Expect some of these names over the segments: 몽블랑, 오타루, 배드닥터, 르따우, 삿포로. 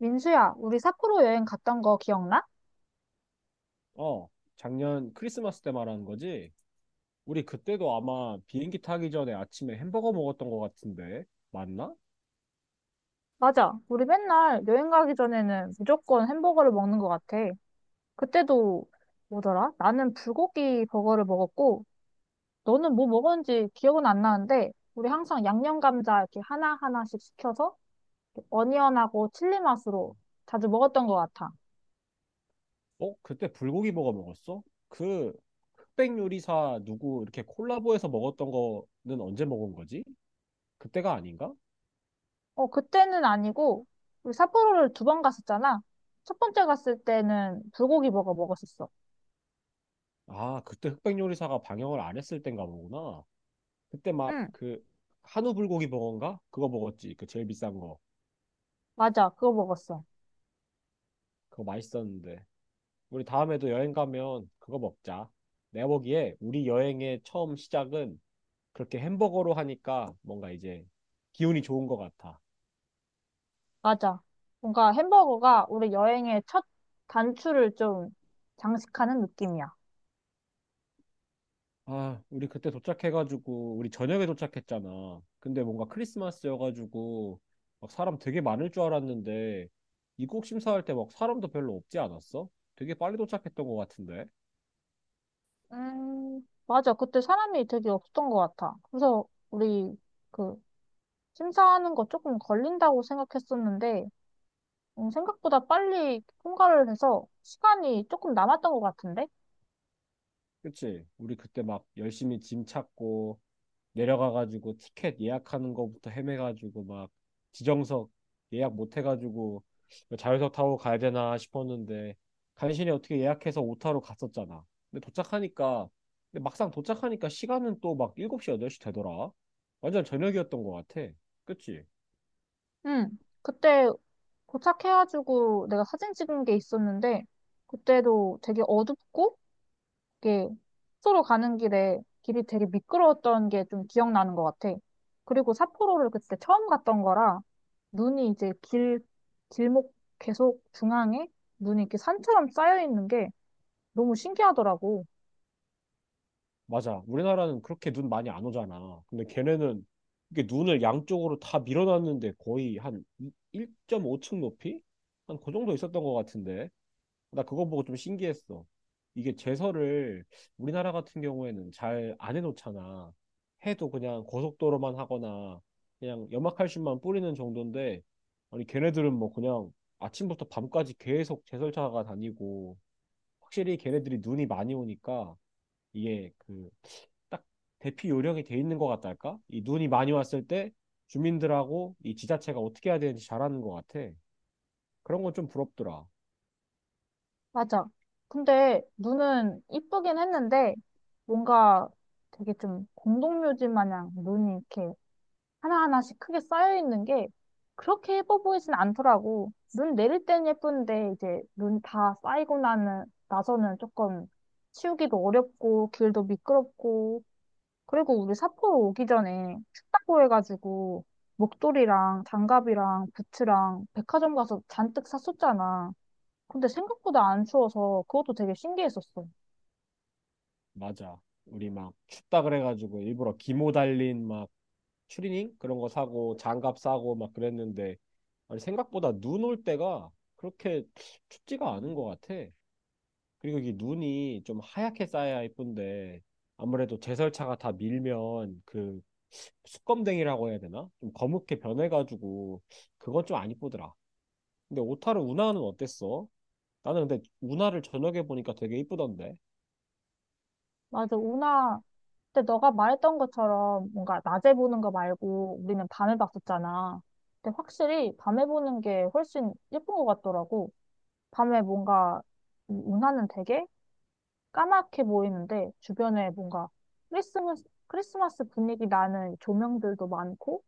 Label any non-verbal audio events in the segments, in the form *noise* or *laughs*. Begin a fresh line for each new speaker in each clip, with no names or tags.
민수야, 우리 삿포로 여행 갔던 거 기억나?
어, 작년 크리스마스 때 말하는 거지? 우리 그때도 아마 비행기 타기 전에 아침에 햄버거 먹었던 것 같은데, 맞나?
맞아. 우리 맨날 여행 가기 전에는 무조건 햄버거를 먹는 것 같아. 그때도 뭐더라? 나는 불고기 버거를 먹었고, 너는 뭐 먹었는지 기억은 안 나는데, 우리 항상 양념 감자 이렇게 하나하나씩 시켜서 어니언하고 칠리 맛으로 자주 먹었던 것 같아.
어, 그때 불고기 버거 먹었어? 그 흑백 요리사 누구 이렇게 콜라보해서 먹었던 거는 언제 먹은 거지? 그때가 아닌가?
어, 그때는 아니고, 우리 삿포로를 두 번 갔었잖아. 첫 번째 갔을 때는 불고기 버거 먹었었어.
아, 그때 흑백 요리사가 방영을 안 했을 땐가 보구나. 그때 막
응,
그 한우 불고기 버거인가? 그거 먹었지. 그 제일 비싼 거.
맞아. 그거 먹었어.
그거 맛있었는데. 우리 다음에도 여행 가면 그거 먹자. 내가 보기에 우리 여행의 처음 시작은 그렇게 햄버거로 하니까 뭔가 이제 기운이 좋은 것 같아.
맞아. 뭔가 햄버거가 우리 여행의 첫 단추를 좀 장식하는 느낌이야.
아, 우리 그때 도착해가지고 우리 저녁에 도착했잖아. 근데 뭔가 크리스마스여가지고 막 사람 되게 많을 줄 알았는데 입국 심사할 때 막 사람도 별로 없지 않았어? 되게 빨리 도착했던 것 같은데.
맞아. 그때 사람이 되게 없었던 것 같아. 그래서 우리 그 심사하는 거 조금 걸린다고 생각했었는데, 생각보다 빨리 통과를 해서 시간이 조금 남았던 것 같은데?
그치? 우리 그때 막 열심히 짐 찾고 내려가가지고 티켓 예약하는 거부터 헤매가지고 막 지정석 예약 못 해가지고 자유석 타고 가야 되나 싶었는데 간신히 어떻게 예약해서 오타로 갔었잖아. 근데 도착하니까 근데 막상 도착하니까 시간은 또 막 7시, 8시 되더라. 완전 저녁이었던 것 같아. 그치?
응. 그때 도착해가지고 내가 사진 찍은 게 있었는데, 그때도 되게 어둡고 이게 삿포로 가는 길에 길이 되게 미끄러웠던 게 좀 기억나는 것 같아. 그리고 삿포로를 그때 처음 갔던 거라 눈이 이제 길, 길목 계속 중앙에 눈이 이렇게 산처럼 쌓여 있는 게 너무 신기하더라고.
맞아. 우리나라는 그렇게 눈 많이 안 오잖아. 근데 걔네는 이게 눈을 양쪽으로 다 밀어놨는데 거의 한 1.5층 높이? 한 그 정도 있었던 것 같은데. 나 그거 보고 좀 신기했어. 이게 제설을 우리나라 같은 경우에는 잘 안 해놓잖아. 해도 그냥 고속도로만 하거나 그냥 염화칼슘만 뿌리는 정도인데 아니 걔네들은 뭐 그냥 아침부터 밤까지 계속 제설차가 다니고 확실히 걔네들이 눈이 많이 오니까 이게 그 딱 대피 요령이 돼 있는 것 같달까? 이 눈이 많이 왔을 때 주민들하고 이 지자체가 어떻게 해야 되는지 잘하는 것 같아. 그런 건 좀 부럽더라.
맞아. 근데 눈은 이쁘긴 했는데 뭔가 되게 좀 공동묘지 마냥 눈이 이렇게 하나하나씩 크게 쌓여있는 게 그렇게 예뻐 보이진 않더라고. 눈 내릴 땐 예쁜데 이제 눈 다 쌓이고 나서는 조금 치우기도 어렵고 길도 미끄럽고 그리고 우리 삿포로 오기 전에 춥다고 해가지고 목도리랑 장갑이랑 부츠랑 백화점 가서 잔뜩 샀었잖아. 근데 생각보다 안 추워서 그것도 되게 신기했었어.
맞아. 우리 막 춥다 그래가지고 일부러 기모 달린 막 추리닝 그런 거 사고 장갑 사고 막 그랬는데 아니 생각보다 눈 올 때가 그렇게 춥지가 않은 것 같아. 그리고 이 눈이 좀 하얗게 쌓여야 예쁜데 아무래도 제설차가 다 밀면 그 수검댕이라고 해야 되나? 좀 검게 변해가지고 그건 좀 안 이쁘더라. 근데 오타루 운하는 어땠어? 나는 근데 운하를 저녁에 보니까 되게 이쁘던데.
맞아, 운하 근데 너가 말했던 것처럼 뭔가 낮에 보는 거 말고 우리는 밤에 봤었잖아. 근데 확실히 밤에 보는 게 훨씬 예쁜 것 같더라고. 밤에 뭔가 이 운하는 되게 까맣게 보이는데 주변에 뭔가 크리스마스 분위기 나는 조명들도 많고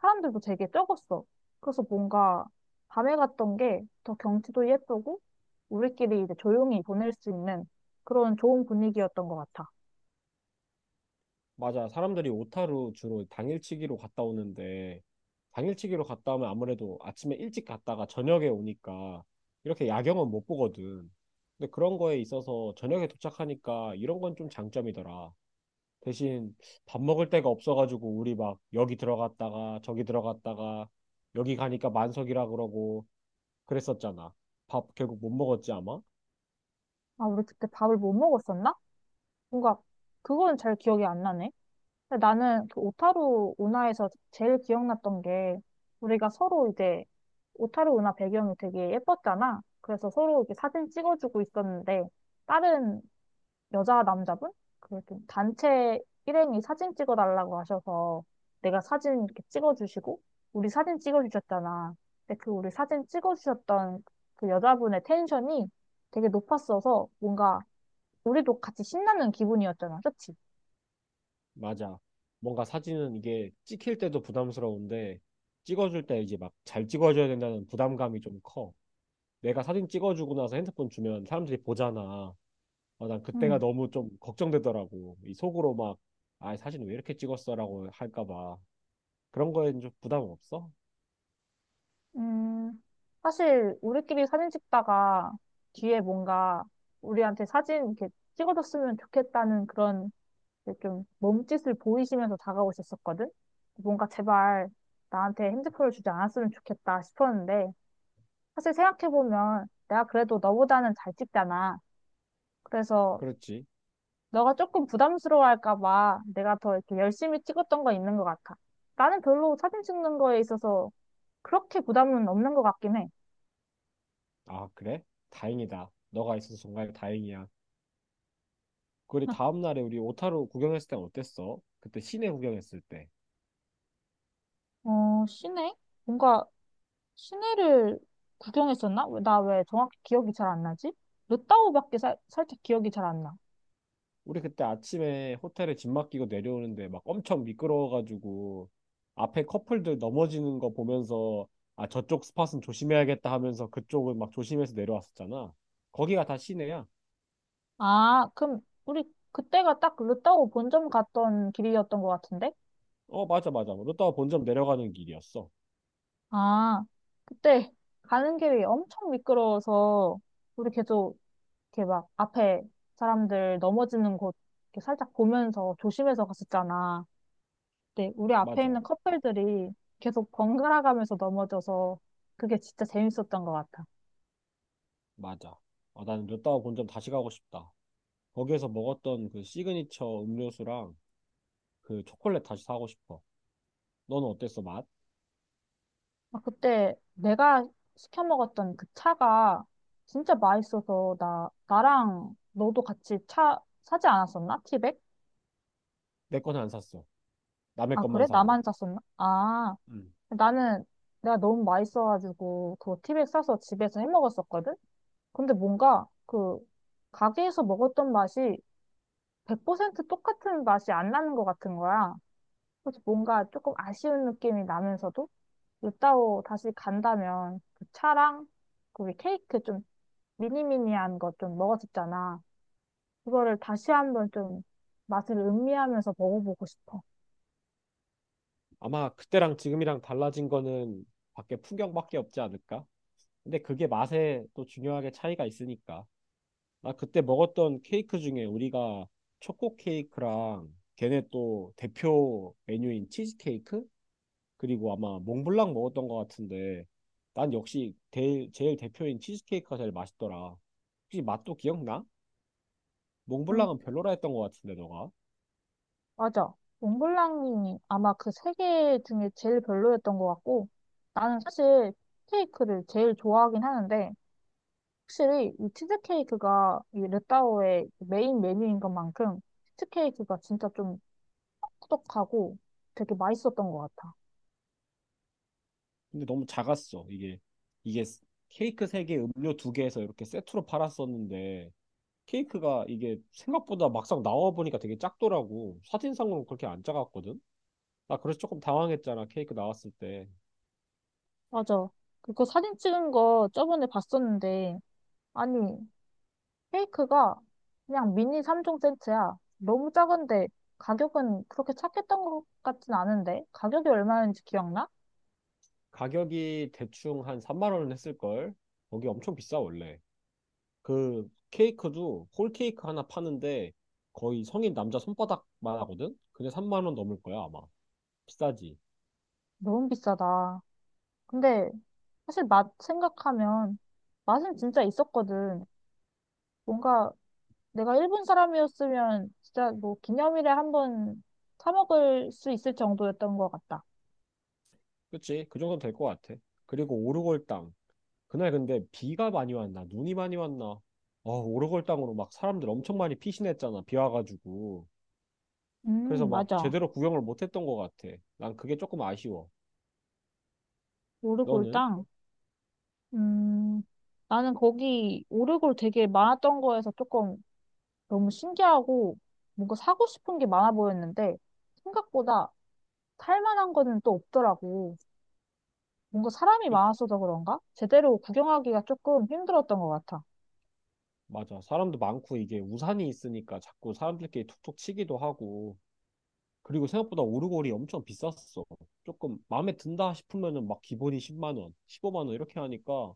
사람들도 되게 적었어. 그래서 뭔가 밤에 갔던 게 더 경치도 예쁘고 우리끼리 이제 조용히 보낼 수 있는 그런 좋은 분위기였던 것 같아.
맞아. 사람들이 오타루 주로 당일치기로 갔다 오는데, 당일치기로 갔다 오면 아무래도 아침에 일찍 갔다가 저녁에 오니까 이렇게 야경은 못 보거든. 근데 그런 거에 있어서 저녁에 도착하니까 이런 건 좀 장점이더라. 대신 밥 먹을 데가 없어가지고 우리 막 여기 들어갔다가 저기 들어갔다가 여기 가니까 만석이라 그러고 그랬었잖아. 밥 결국 못 먹었지 아마?
아, 우리 그때 밥을 못 먹었었나? 뭔가 그건 잘 기억이 안 나네. 근데 나는 그 오타루 운하에서 제일 기억났던 게 우리가 서로 이제 오타루 운하 배경이 되게 예뻤잖아. 그래서 서로 이렇게 사진 찍어주고 있었는데 다른 여자 남자분 그 단체 일행이 사진 찍어달라고 하셔서 내가 사진 이렇게 찍어주시고 우리 사진 찍어주셨잖아. 근데 그 우리 사진 찍어주셨던 그 여자분의 텐션이 되게 높았어서 뭔가 우리도 같이 신나는 기분이었잖아. 그치?
맞아. 뭔가 사진은 이게 찍힐 때도 부담스러운데 찍어줄 때 이제 막 잘 찍어줘야 된다는 부담감이 좀 커. 내가 사진 찍어주고 나서 핸드폰 주면 사람들이 보잖아. 어, 난 그때가
음,
너무 좀 걱정되더라고. 이 속으로 막, 아, 사진 왜 이렇게 찍었어라고 할까 봐. 그런 거엔 좀 부담 없어?
음, 사실 우리끼리 사진 찍다가 뒤에 뭔가 우리한테 사진 이렇게 찍어줬으면 좋겠다는 그런 이제 좀 몸짓을 보이시면서 다가오셨었거든? 뭔가 제발 나한테 핸드폰을 주지 않았으면 좋겠다 싶었는데 사실 생각해보면 내가 그래도 너보다는 잘 찍잖아. 그래서
그렇지.
너가 조금 부담스러워할까 봐 내가 더 이렇게 열심히 찍었던 거 있는 것 같아. 나는 별로 사진 찍는 거에 있어서 그렇게 부담은 없는 것 같긴 해.
아, 그래? 다행이다. 너가 있어서 정말 다행이야. 그리 다음 날에 우리 오타루 구경했을 땐 어땠어? 그때 시내 구경했을 때.
어, 시내? 뭔가 시내를 구경했었나? 나 왜 정확히 기억이 잘 안 나지? 르따우밖에 살 살짝 기억이 잘 안 나.
우리 그때 아침에 호텔에 짐 맡기고 내려오는데 막 엄청 미끄러워가지고 앞에 커플들 넘어지는 거 보면서 아 저쪽 스팟은 조심해야겠다 하면서 그쪽은 막 조심해서 내려왔었잖아. 거기가 다 시내야.
아, 그럼 우리 그때가 딱 르따우 본점 갔던 길이었던 것 같은데?
어, 맞아, 맞아. 롯다워 본점 내려가는 길이었어.
아, 그때 가는 길이 엄청 미끄러워서 우리 계속 이렇게 막 앞에 사람들 넘어지는 곳 이렇게 살짝 보면서 조심해서 갔었잖아. 네, 우리 앞에
맞아,
있는 커플들이 계속 번갈아가면서 넘어져서 그게 진짜 재밌었던 것 같아.
맞아. 아, 나는 롯다워 본점 다시 가고 싶다. 거기에서 먹었던 그 시그니처 음료수랑 그 초콜릿 다시 사고 싶어. 너는 어땠어 맛?
아, 그때 내가 시켜 먹었던 그 차가 진짜 맛있어서 나랑 너도 같이 차 사지 않았었나? 티백?
내 거는 안 샀어. 남의
아,
것만
그래?
사고.
나만 샀었나? 아, 나는 내가 너무 맛있어가지고 그거 티백 사서 집에서 해 먹었었거든? 근데 뭔가 그 가게에서 먹었던 맛이 100% 똑같은 맛이 안 나는 것 같은 거야. 그래서 뭔가 조금 아쉬운 느낌이 나면서도 루따오 다시 간다면 그 차랑 거기 케이크 좀 미니미니한 거 좀 먹었었잖아. 그거를 다시 한번 좀 맛을 음미하면서 먹어보고 싶어.
아마 그때랑 지금이랑 달라진 거는 밖에 풍경밖에 없지 않을까? 근데 그게 맛에 또 중요하게 차이가 있으니까. 나 그때 먹었던 케이크 중에 우리가 초코 케이크랑 걔네 또 대표 메뉴인 치즈 케이크? 그리고 아마 몽블랑 먹었던 것 같은데 난 역시 제일 대표인 치즈 케이크가 제일 맛있더라. 혹시 맛도 기억나?
응,
몽블랑은 별로라 했던 것 같은데 너가?
맞아. 몽블랑이 아마 그 세 개 중에 제일 별로였던 것 같고 나는 사실 케이크를 제일 좋아하긴 하는데 확실히 이 치즈케이크가 이 루따오의 메인 메뉴인 것만큼 치즈케이크가 진짜 좀 꾸덕꾸덕하고 되게 맛있었던 것 같아.
근데 너무 작았어. 이게 케이크 세개 음료 두개에서 이렇게 세트로 팔았었는데 케이크가 이게 생각보다 막상 나와 보니까 되게 작더라고. 사진상으로 그렇게 안 작았거든. 나 그래서 조금 당황했잖아. 케이크 나왔을 때.
맞아. 그거 사진 찍은 거 저번에 봤었는데, 아니, 케이크가 그냥 미니 3종 세트야. 너무 작은데 가격은 그렇게 착했던 것 같진 않은데, 가격이 얼마였는지 기억나?
가격이 대충 한 3만 원은 했을 걸. 거기 엄청 비싸 원래. 그 케이크도 홀 케이크 하나 파는데 거의 성인 남자 손바닥만 하거든. 근데 3만 원 넘을 거야, 아마. 비싸지.
너무 비싸다. 근데 사실 맛 생각하면 맛은 진짜 있었거든. 뭔가 내가 일본 사람이었으면 진짜 뭐 기념일에 한번 사 먹을 수 있을 정도였던 것 같다.
그치? 그 정도는 될 것 같아. 그리고 오르골당. 그날 근데 비가 많이 왔나 눈이 많이 왔나 어, 오르골 땅으로 막 사람들 엄청 많이 피신했잖아 비 와가지고. 그래서 막
맞아.
제대로 구경을 못했던 것 같아. 난 그게 조금 아쉬워.
오르골
너는?
땅? 음, 나는 거기 오르골 되게 많았던 거에서 조금 너무 신기하고 뭔가 사고 싶은 게 많아 보였는데 생각보다 살 만한 거는 또 없더라고. 뭔가 사람이
끝-
많았어서 그런가? 제대로 구경하기가 조금 힘들었던 것 같아.
맞아, 사람도 많고 이게 우산이 있으니까 자꾸 사람들끼리 툭툭 치기도 하고 그리고 생각보다 오르골이 엄청 비쌌어. 조금 마음에 든다 싶으면은 막 기본이 10만 원 15만 원 이렇게 하니까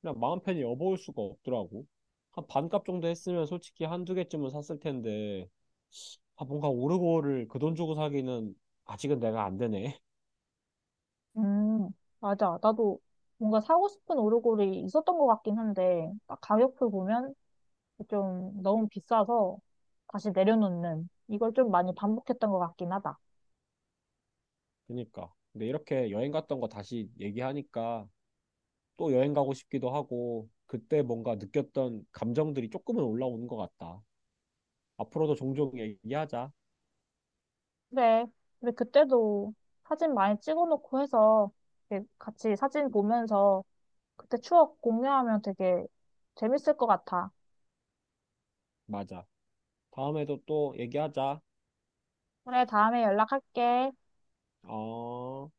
그냥 마음 편히 여보일 수가 없더라고. 한 반값 정도 했으면 솔직히 한 두 개쯤은 샀을 텐데. 아, 뭔가 오르고를 그 돈 주고 사기는 아직은 내가 안 되네. *laughs*
음, 맞아. 나도 뭔가 사고 싶은 오르골이 있었던 것 같긴 한데 딱 가격표 보면 좀 너무 비싸서 다시 내려놓는 이걸 좀 많이 반복했던 것 같긴 하다.
그러니까. 근데 이렇게 여행 갔던 거 다시 얘기하니까 또 여행 가고 싶기도 하고 그때 뭔가 느꼈던 감정들이 조금은 올라오는 것 같다. 앞으로도 종종 얘기하자.
그래. 근데 그때도 사진 많이 찍어놓고 해서 이렇게 같이 사진 보면서 그때 추억 공유하면 되게 재밌을 것 같아.
맞아. 다음에도 또 얘기하자.
그래, 다음에 연락할게.
어...